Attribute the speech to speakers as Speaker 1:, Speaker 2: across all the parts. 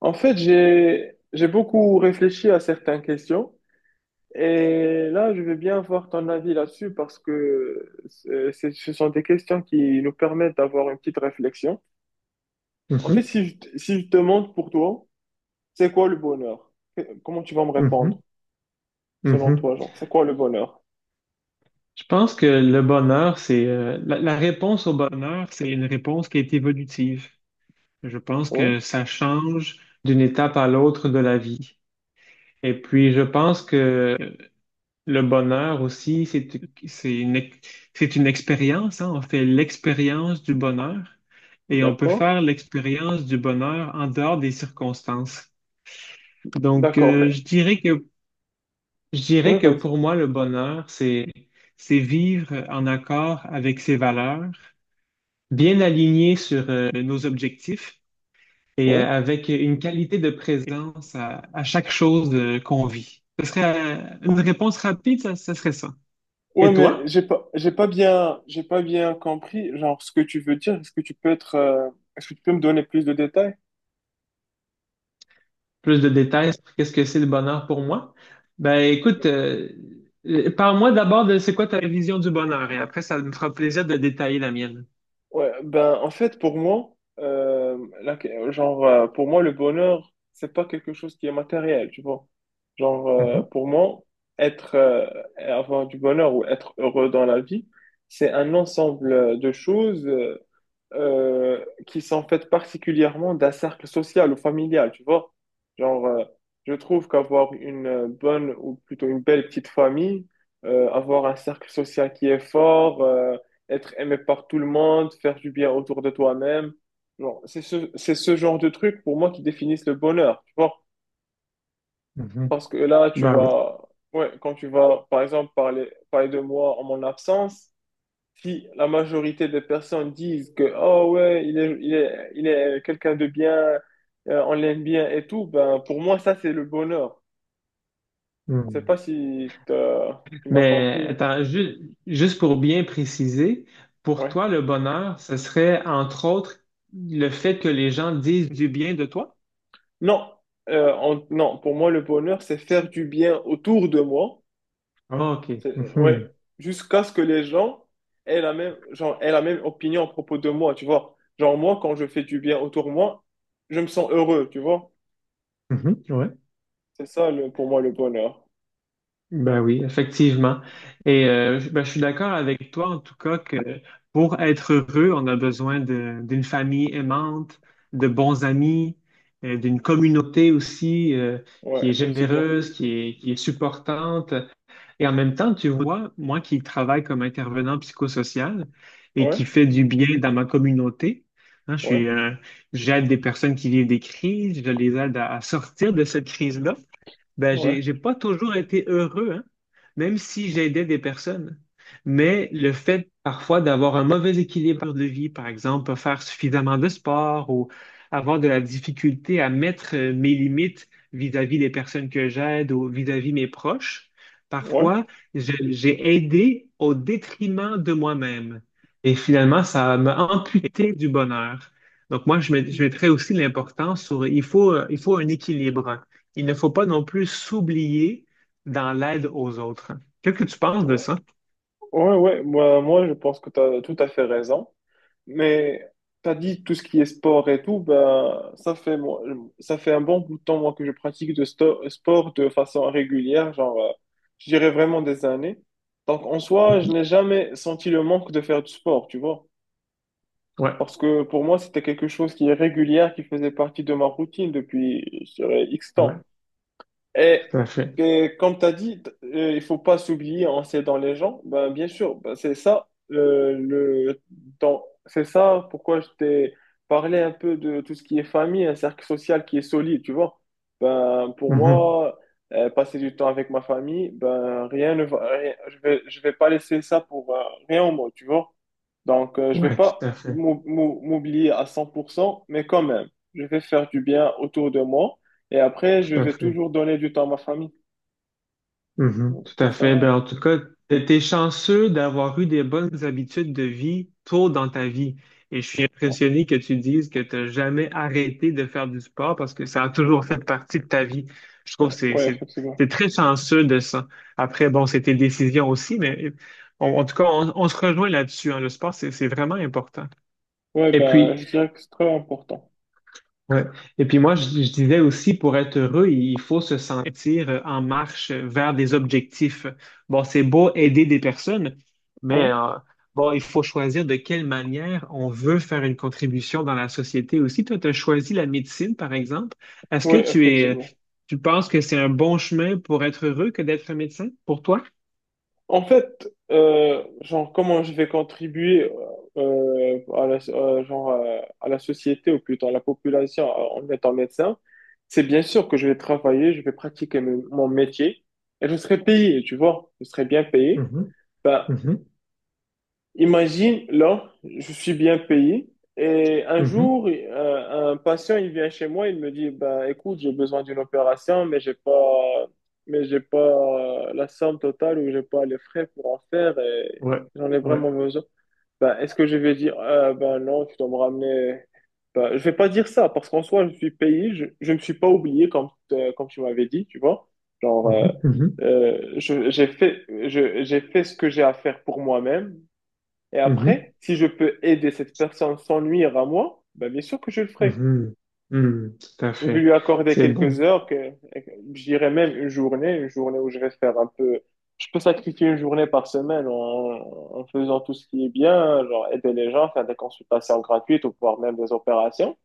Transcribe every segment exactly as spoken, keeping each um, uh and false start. Speaker 1: En fait, j'ai j'ai beaucoup réfléchi à certaines questions et là, je veux bien avoir ton avis là-dessus parce que c'est- c'est- ce sont des questions qui nous permettent d'avoir une petite réflexion. En fait,
Speaker 2: Mhm,
Speaker 1: si je, t- si je te demande pour toi, c'est quoi le bonheur? Que- Comment tu vas me répondre
Speaker 2: mhm,
Speaker 1: selon
Speaker 2: mhm.
Speaker 1: toi, genre, c'est quoi le bonheur?
Speaker 2: Je pense que le bonheur, c'est euh, la, la réponse au bonheur, c'est une réponse qui est évolutive. Je pense
Speaker 1: Ouais,
Speaker 2: que ça change d'une étape à l'autre de la vie. Et puis, je pense que le bonheur aussi, c'est c'est une ex- c'est une expérience, hein. On fait l'expérience du bonheur et on peut
Speaker 1: d'accord.
Speaker 2: faire l'expérience du bonheur en dehors des circonstances. Donc,
Speaker 1: D'accord, mais
Speaker 2: euh, je dirais que Je
Speaker 1: ouais,
Speaker 2: dirais que
Speaker 1: vas-y.
Speaker 2: pour moi, le bonheur, c'est, c'est vivre en accord avec ses valeurs, bien aligné sur euh, nos objectifs et euh,
Speaker 1: Ouais,
Speaker 2: avec une qualité de présence à, à chaque chose euh, qu'on vit. Ce serait euh, une réponse rapide, ça, ça serait ça.
Speaker 1: ouais,
Speaker 2: Et
Speaker 1: mais
Speaker 2: toi,
Speaker 1: j'ai pas j'ai pas bien j'ai pas bien compris genre ce que tu veux dire. Est-ce que tu peux être euh, est-ce que tu peux me donner plus de détails?
Speaker 2: plus de détails sur qu'est-ce que c'est le bonheur pour moi? Ben écoute, euh, euh, parle-moi d'abord de c'est quoi ta vision du bonheur et après ça me fera plaisir de détailler la mienne.
Speaker 1: Ouais, ben en fait pour moi, euh, la- genre euh, pour moi le bonheur c'est pas quelque chose qui est matériel, tu vois. Genre euh,
Speaker 2: Mhm,
Speaker 1: pour moi être euh, avoir du bonheur ou être heureux dans la vie, c'est un ensemble euh, de choses, euh, euh, qui sont faites particulièrement d'un cercle social ou familial, tu vois. Genre, euh, je trouve qu'avoir une euh, bonne ou plutôt une belle petite famille, euh, avoir un cercle social qui est fort, euh, être aimé par tout le monde, faire du bien autour de toi-même, genre, c'est ce, c'est ce genre de trucs pour moi qui définissent le bonheur, tu vois.
Speaker 2: mhm.
Speaker 1: Parce que là, tu
Speaker 2: Ben
Speaker 1: vas, ouais, quand tu vas, par exemple, parler, parler de moi en mon absence, si la majorité des personnes disent que oh ouais il est il est il est quelqu'un de bien, euh, on l'aime bien et tout, ben pour moi ça c'est le bonheur. Je sais
Speaker 2: oui.
Speaker 1: pas si t'as- tu m'as
Speaker 2: Mais
Speaker 1: compris.
Speaker 2: attends, ju- juste pour bien préciser, pour
Speaker 1: Ouais,
Speaker 2: toi, le bonheur, ce serait entre autres le fait que les gens disent du bien de toi?
Speaker 1: non, euh, en- non, pour moi le bonheur c'est faire du bien autour de moi.
Speaker 2: Ah, OK.
Speaker 1: C'est- ouais,
Speaker 2: Mhm.
Speaker 1: jusqu'à ce que les gens aient la même genre aient la même opinion à propos de moi, tu vois. Genre, moi quand je fais du bien autour de moi, je me sens heureux, tu vois.
Speaker 2: Mhm. Ouais.
Speaker 1: C'est ça le, pour moi le bonheur.
Speaker 2: Ben oui, effectivement. Et euh, je ben, je suis d'accord avec toi, en tout cas, que pour être heureux, on a besoin de- d'une famille aimante, de bons amis, euh, d'une communauté aussi euh,
Speaker 1: Ouais,
Speaker 2: qui est
Speaker 1: effectivement.
Speaker 2: généreuse, qui est, qui est supportante. Et en même temps, tu vois, moi qui travaille comme intervenant psychosocial et
Speaker 1: Ouais.
Speaker 2: qui fait du bien dans ma communauté, hein, je
Speaker 1: Ouais,
Speaker 2: suis, euh, j'aide des personnes qui vivent des crises, je les aide à, à sortir de cette crise-là. Ben,
Speaker 1: ouais,
Speaker 2: j'ai, j'ai pas toujours été heureux, hein, même si j'aidais des personnes. Mais le fait parfois d'avoir un mauvais équilibre de vie, par exemple, pas faire suffisamment de sport ou avoir de la difficulté à mettre euh, mes limites vis-à-vis des personnes que j'aide ou vis-à-vis mes proches,
Speaker 1: ouais,
Speaker 2: parfois je- j'ai aidé au détriment de moi-même. Et finalement, ça m'a amputé du bonheur. Donc moi, je met- je mettrais aussi l'importance sur il faut, euh, il faut un équilibre il ne faut pas non plus s'oublier dans l'aide aux autres. Qu'est-ce que tu penses de ça?
Speaker 1: ouais, ouais. Moi, moi, je pense que tu as tout à fait raison. Mais tu as dit tout ce qui est sport et tout, ben, ça fait, moi, ça fait un bon bout de temps, moi, que je pratique de sto- sport de façon régulière, genre, euh, je dirais vraiment des années. Donc, en soi, je
Speaker 2: Mhm.
Speaker 1: n'ai jamais senti le manque de faire du sport, tu vois.
Speaker 2: Ouais,
Speaker 1: Parce que pour moi, c'était quelque chose qui est régulière, qui faisait partie de ma routine depuis, je dirais, X
Speaker 2: ouais,
Speaker 1: temps. Et
Speaker 2: tout à fait.
Speaker 1: que, comme tu as dit, t- euh, il faut pas s'oublier en s'aidant les gens. Ben, bien sûr, ben, c'est ça, euh, le, dans- c'est ça pourquoi je t'ai parlé un peu de tout ce qui est famille, un cercle social qui est solide, tu vois. Ben, pour
Speaker 2: Mhm.
Speaker 1: moi, euh, passer du temps avec ma famille, ben, rien ne va, rien- je vais, je vais pas laisser ça pour euh, rien au monde, tu vois. Donc, euh, je vais
Speaker 2: Ouais, tout
Speaker 1: pas
Speaker 2: à fait,
Speaker 1: m'ou- m'ou- m'oublier à cent pour cent, mais quand même, je vais faire du bien autour de moi. Et après, je
Speaker 2: tout à
Speaker 1: vais
Speaker 2: fait.
Speaker 1: toujours donner du temps à ma famille.
Speaker 2: Mhm,
Speaker 1: Donc,
Speaker 2: tout
Speaker 1: c'est
Speaker 2: à fait.
Speaker 1: ça.
Speaker 2: Ben, en tout cas, t'es t'es chanceux d'avoir eu des bonnes habitudes de vie tôt dans ta vie. Et je suis
Speaker 1: Ouais,
Speaker 2: impressionné que tu dises que tu n'as jamais arrêté de faire du sport parce que ça a toujours fait partie de ta vie. Je trouve
Speaker 1: ouais,
Speaker 2: que c'est,
Speaker 1: ouais,
Speaker 2: c'est,
Speaker 1: effectivement.
Speaker 2: t'es très chanceux de ça. Après, bon, c'est tes décisions aussi, mais on- en tout cas, on, on se rejoint là-dessus, hein. Le sport, c'est, c'est vraiment important.
Speaker 1: Ouais,
Speaker 2: Et
Speaker 1: ben,
Speaker 2: puis,
Speaker 1: je dirais que c'est très important.
Speaker 2: Ouais. Et puis moi, je, je disais aussi, pour être heureux, il faut se sentir euh, en marche euh, vers des objectifs. Bon, c'est beau aider des personnes, mais
Speaker 1: Ouais,
Speaker 2: euh, bon, il faut choisir de quelle manière on veut faire une contribution dans la société aussi. Toi, tu as choisi la médecine, par exemple. Est-ce que
Speaker 1: ouais,
Speaker 2: tu es,
Speaker 1: effectivement.
Speaker 2: tu penses que c'est un bon chemin pour être heureux que d'être médecin, pour toi?
Speaker 1: En fait, euh, genre, comment je vais contribuer euh, à la, euh, genre, euh, à la société, ou plutôt à la population, euh, en étant médecin, c'est bien sûr que je vais travailler, je vais pratiquer mon mon métier, et je serai payé, tu vois, je serai bien payé.
Speaker 2: Mhm,
Speaker 1: Ben,
Speaker 2: mhm,
Speaker 1: imagine, là, je suis bien payé et un
Speaker 2: mhm.
Speaker 1: jour, euh, un patient, il vient chez moi, il me dit, ben, écoute, j'ai besoin d'une opération, mais j'ai pas, mais j'ai pas euh, la somme totale ou j'ai pas les frais pour en faire et
Speaker 2: Ouais,
Speaker 1: j'en ai
Speaker 2: ouais.
Speaker 1: vraiment besoin. Ben, est-ce que je vais dire, euh, ben non, tu dois me ramener. Ben, je vais pas dire ça parce qu'en soi, je suis payé, je, je me suis pas oublié comme, euh, comme tu m'avais dit, tu vois. Genre, euh,
Speaker 2: Mhm, mhm,
Speaker 1: euh, je- j'ai fait, je- j'ai fait ce que j'ai à faire pour moi-même. Et après, si je peux aider cette personne sans nuire à moi, ben bien sûr que je le ferai.
Speaker 2: mhm, mhm. Hmm, tout à
Speaker 1: Je vais
Speaker 2: fait.
Speaker 1: lui accorder
Speaker 2: C'est
Speaker 1: quelques
Speaker 2: bon.
Speaker 1: heures, que, je dirais même une journée, une journée où je vais faire un peu. Je peux sacrifier une journée par semaine en, en faisant tout ce qui est bien, genre aider les gens, faire des consultations gratuites ou voire même des opérations.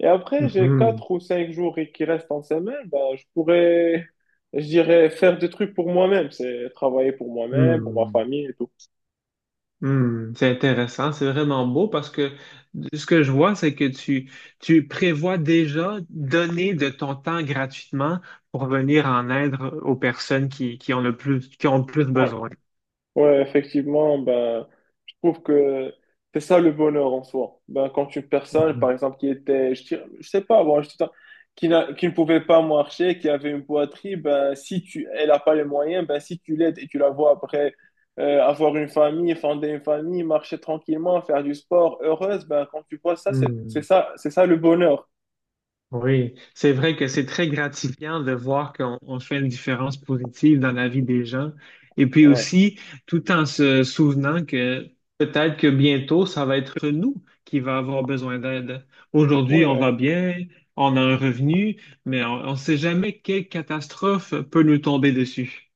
Speaker 1: Et après, j'ai
Speaker 2: Mhm,
Speaker 1: quatre ou cinq jours qui restent en semaine, ben, je pourrais, je dirais, faire des trucs pour moi-même. C'est travailler pour moi-même, pour ma
Speaker 2: hmm.
Speaker 1: famille et tout.
Speaker 2: Hmm, c'est intéressant, c'est vraiment beau parce que ce que je vois, c'est que tu, tu prévois déjà donner de ton temps gratuitement pour venir en aide aux personnes qui, qui ont le plus, qui ont le plus besoin.
Speaker 1: Ouais, effectivement, ben, je trouve que c'est ça le bonheur en soi. Ben, quand une personne,
Speaker 2: Mhm.
Speaker 1: par exemple, qui était, je, dirais- je sais pas, moi, je dis ça, qui, n'a- qui ne pouvait pas marcher, qui avait une boiterie, ben, si tu, elle n'a pas les moyens, ben, si tu l'aides et tu la vois après euh, avoir une famille, fonder une famille, marcher tranquillement, faire du sport, heureuse, ben, quand tu vois ça, c'est c'est
Speaker 2: Hmm.
Speaker 1: ça, c'est ça le bonheur.
Speaker 2: Oui, c'est vrai que c'est très gratifiant de voir qu'on on fait une différence positive dans la vie des gens. Et puis
Speaker 1: Ouais,
Speaker 2: aussi, tout en se souvenant que peut-être que bientôt, ça va être nous qui va avoir besoin d'aide. Aujourd'hui, on va
Speaker 1: ouais.
Speaker 2: bien, on a un revenu, mais on ne sait jamais quelle catastrophe peut nous tomber dessus.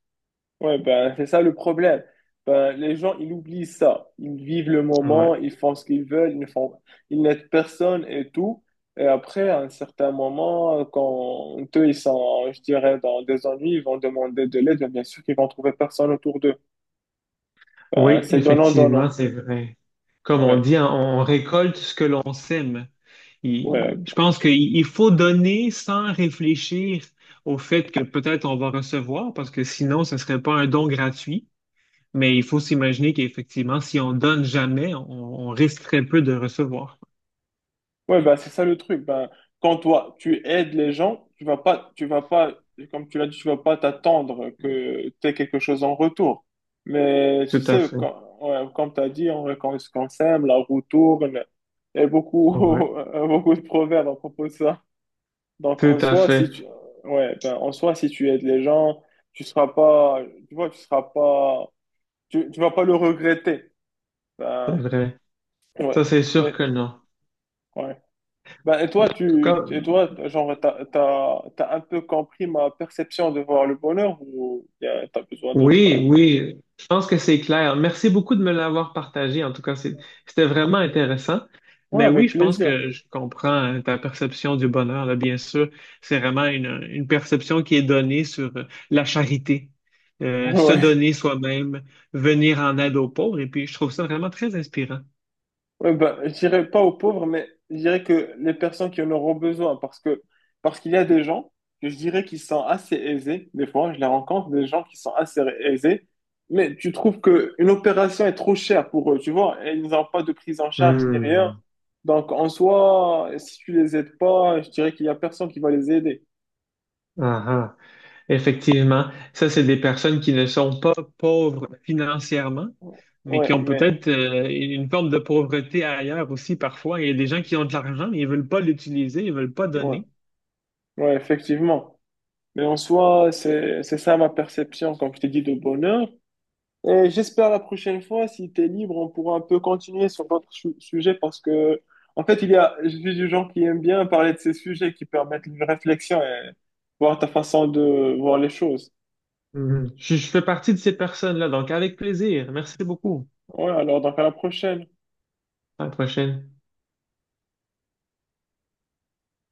Speaker 1: Ouais, ben, c'est ça le problème. Ben, les gens, ils oublient ça. Ils vivent le
Speaker 2: Ouais.
Speaker 1: moment, ils font ce qu'ils veulent, ils ne font, ils n'aident personne et tout. Et après, à un certain moment, quand eux, ils sont, je dirais, dans des ennuis, ils vont demander de l'aide, mais bien sûr qu'ils vont trouver personne autour d'eux. Ben,
Speaker 2: Oui,
Speaker 1: c'est donnant,
Speaker 2: effectivement,
Speaker 1: donnant.
Speaker 2: c'est vrai. Comme on
Speaker 1: Ouais,
Speaker 2: dit, on on récolte ce que l'on sème.
Speaker 1: ouais.
Speaker 2: Il- je pense qu'il il faut donner sans réfléchir au fait que peut-être on va recevoir, parce que sinon, ce ne serait pas un don gratuit. Mais il faut s'imaginer qu'effectivement, si on donne jamais, on, on risque très peu de recevoir.
Speaker 1: Ouais, bah, c'est ça le truc. Ben, quand toi, tu aides les gens, tu vas pas, tu vas pas, comme tu l'as dit, tu vas pas t'attendre que tu aies quelque chose en retour. Mais tu
Speaker 2: Tout à
Speaker 1: sais,
Speaker 2: fait.
Speaker 1: quand, ouais, comme tu as dit, on- quand on se- quand on s'aime, la roue tourne. Il y a beaucoup,
Speaker 2: Ouais.
Speaker 1: beaucoup de proverbes à propos de ça. Donc, en
Speaker 2: Tout à
Speaker 1: soi, si
Speaker 2: fait.
Speaker 1: tu, ouais, ben, en soi, si tu aides les gens, tu seras pas, tu vois, tu seras pas, tu, tu vas pas le regretter.
Speaker 2: C'est
Speaker 1: Ben,
Speaker 2: vrai. Ça,
Speaker 1: ouais,
Speaker 2: c'est sûr
Speaker 1: mais,
Speaker 2: que non. En
Speaker 1: ouais. Ben, et toi,
Speaker 2: tout
Speaker 1: tu,
Speaker 2: cas,
Speaker 1: et toi, genre, t'as, t'as, t'as un peu compris ma perception de voir le bonheur ou y a- t'as besoin d'autres? euh,
Speaker 2: Oui, oui, je pense que c'est clair. Merci beaucoup de me l'avoir partagé. En tout cas, c'est- c'était vraiment intéressant.
Speaker 1: Ouais,
Speaker 2: Mais oui,
Speaker 1: avec
Speaker 2: je pense
Speaker 1: plaisir.
Speaker 2: que je comprends euh, ta perception du bonheur, là, bien sûr. C'est vraiment une, une perception qui est donnée sur euh, la charité, Euh, se
Speaker 1: Ouais.
Speaker 2: donner soi-même, venir en aide aux pauvres. Et puis, je trouve ça vraiment très inspirant.
Speaker 1: Ouais, ben, je dirais pas aux pauvres, mais je dirais que les personnes qui en auront besoin, parce que, parce qu'il y a des gens que je dirais qui sont assez aisés. Des fois, je les rencontre, des gens qui sont assez aisés, mais tu trouves que une opération est trop chère pour eux, tu vois, et ils n'ont pas de prise en charge ni rien.
Speaker 2: Hmm.
Speaker 1: Donc, en soi, si tu les aides pas, je dirais qu'il y a personne qui va les aider.
Speaker 2: Ah, ah. Effectivement, ça, c'est des personnes qui ne sont pas pauvres financièrement, mais qui
Speaker 1: Ouais,
Speaker 2: ont
Speaker 1: mais
Speaker 2: peut-être euh, une forme de pauvreté ailleurs aussi parfois. Il y a des gens qui ont de l'argent, mais ils veulent pas l'utiliser, ils veulent pas
Speaker 1: ouais,
Speaker 2: donner.
Speaker 1: ouais, effectivement. Mais en soi, c'est c'est ça ma perception, comme je t'ai dit, de bonheur. Et j'espère la prochaine fois, si tu es libre, on pourra un peu continuer sur d'autres su- sujets parce que, en fait, il y a, je suis du genre qui aime bien parler de ces sujets qui permettent une réflexion et voir ta façon de voir les choses.
Speaker 2: Mhm. Je, je fais partie de ces personnes-là, donc avec plaisir. Merci beaucoup.
Speaker 1: Ouais, alors donc à la prochaine.
Speaker 2: À la prochaine.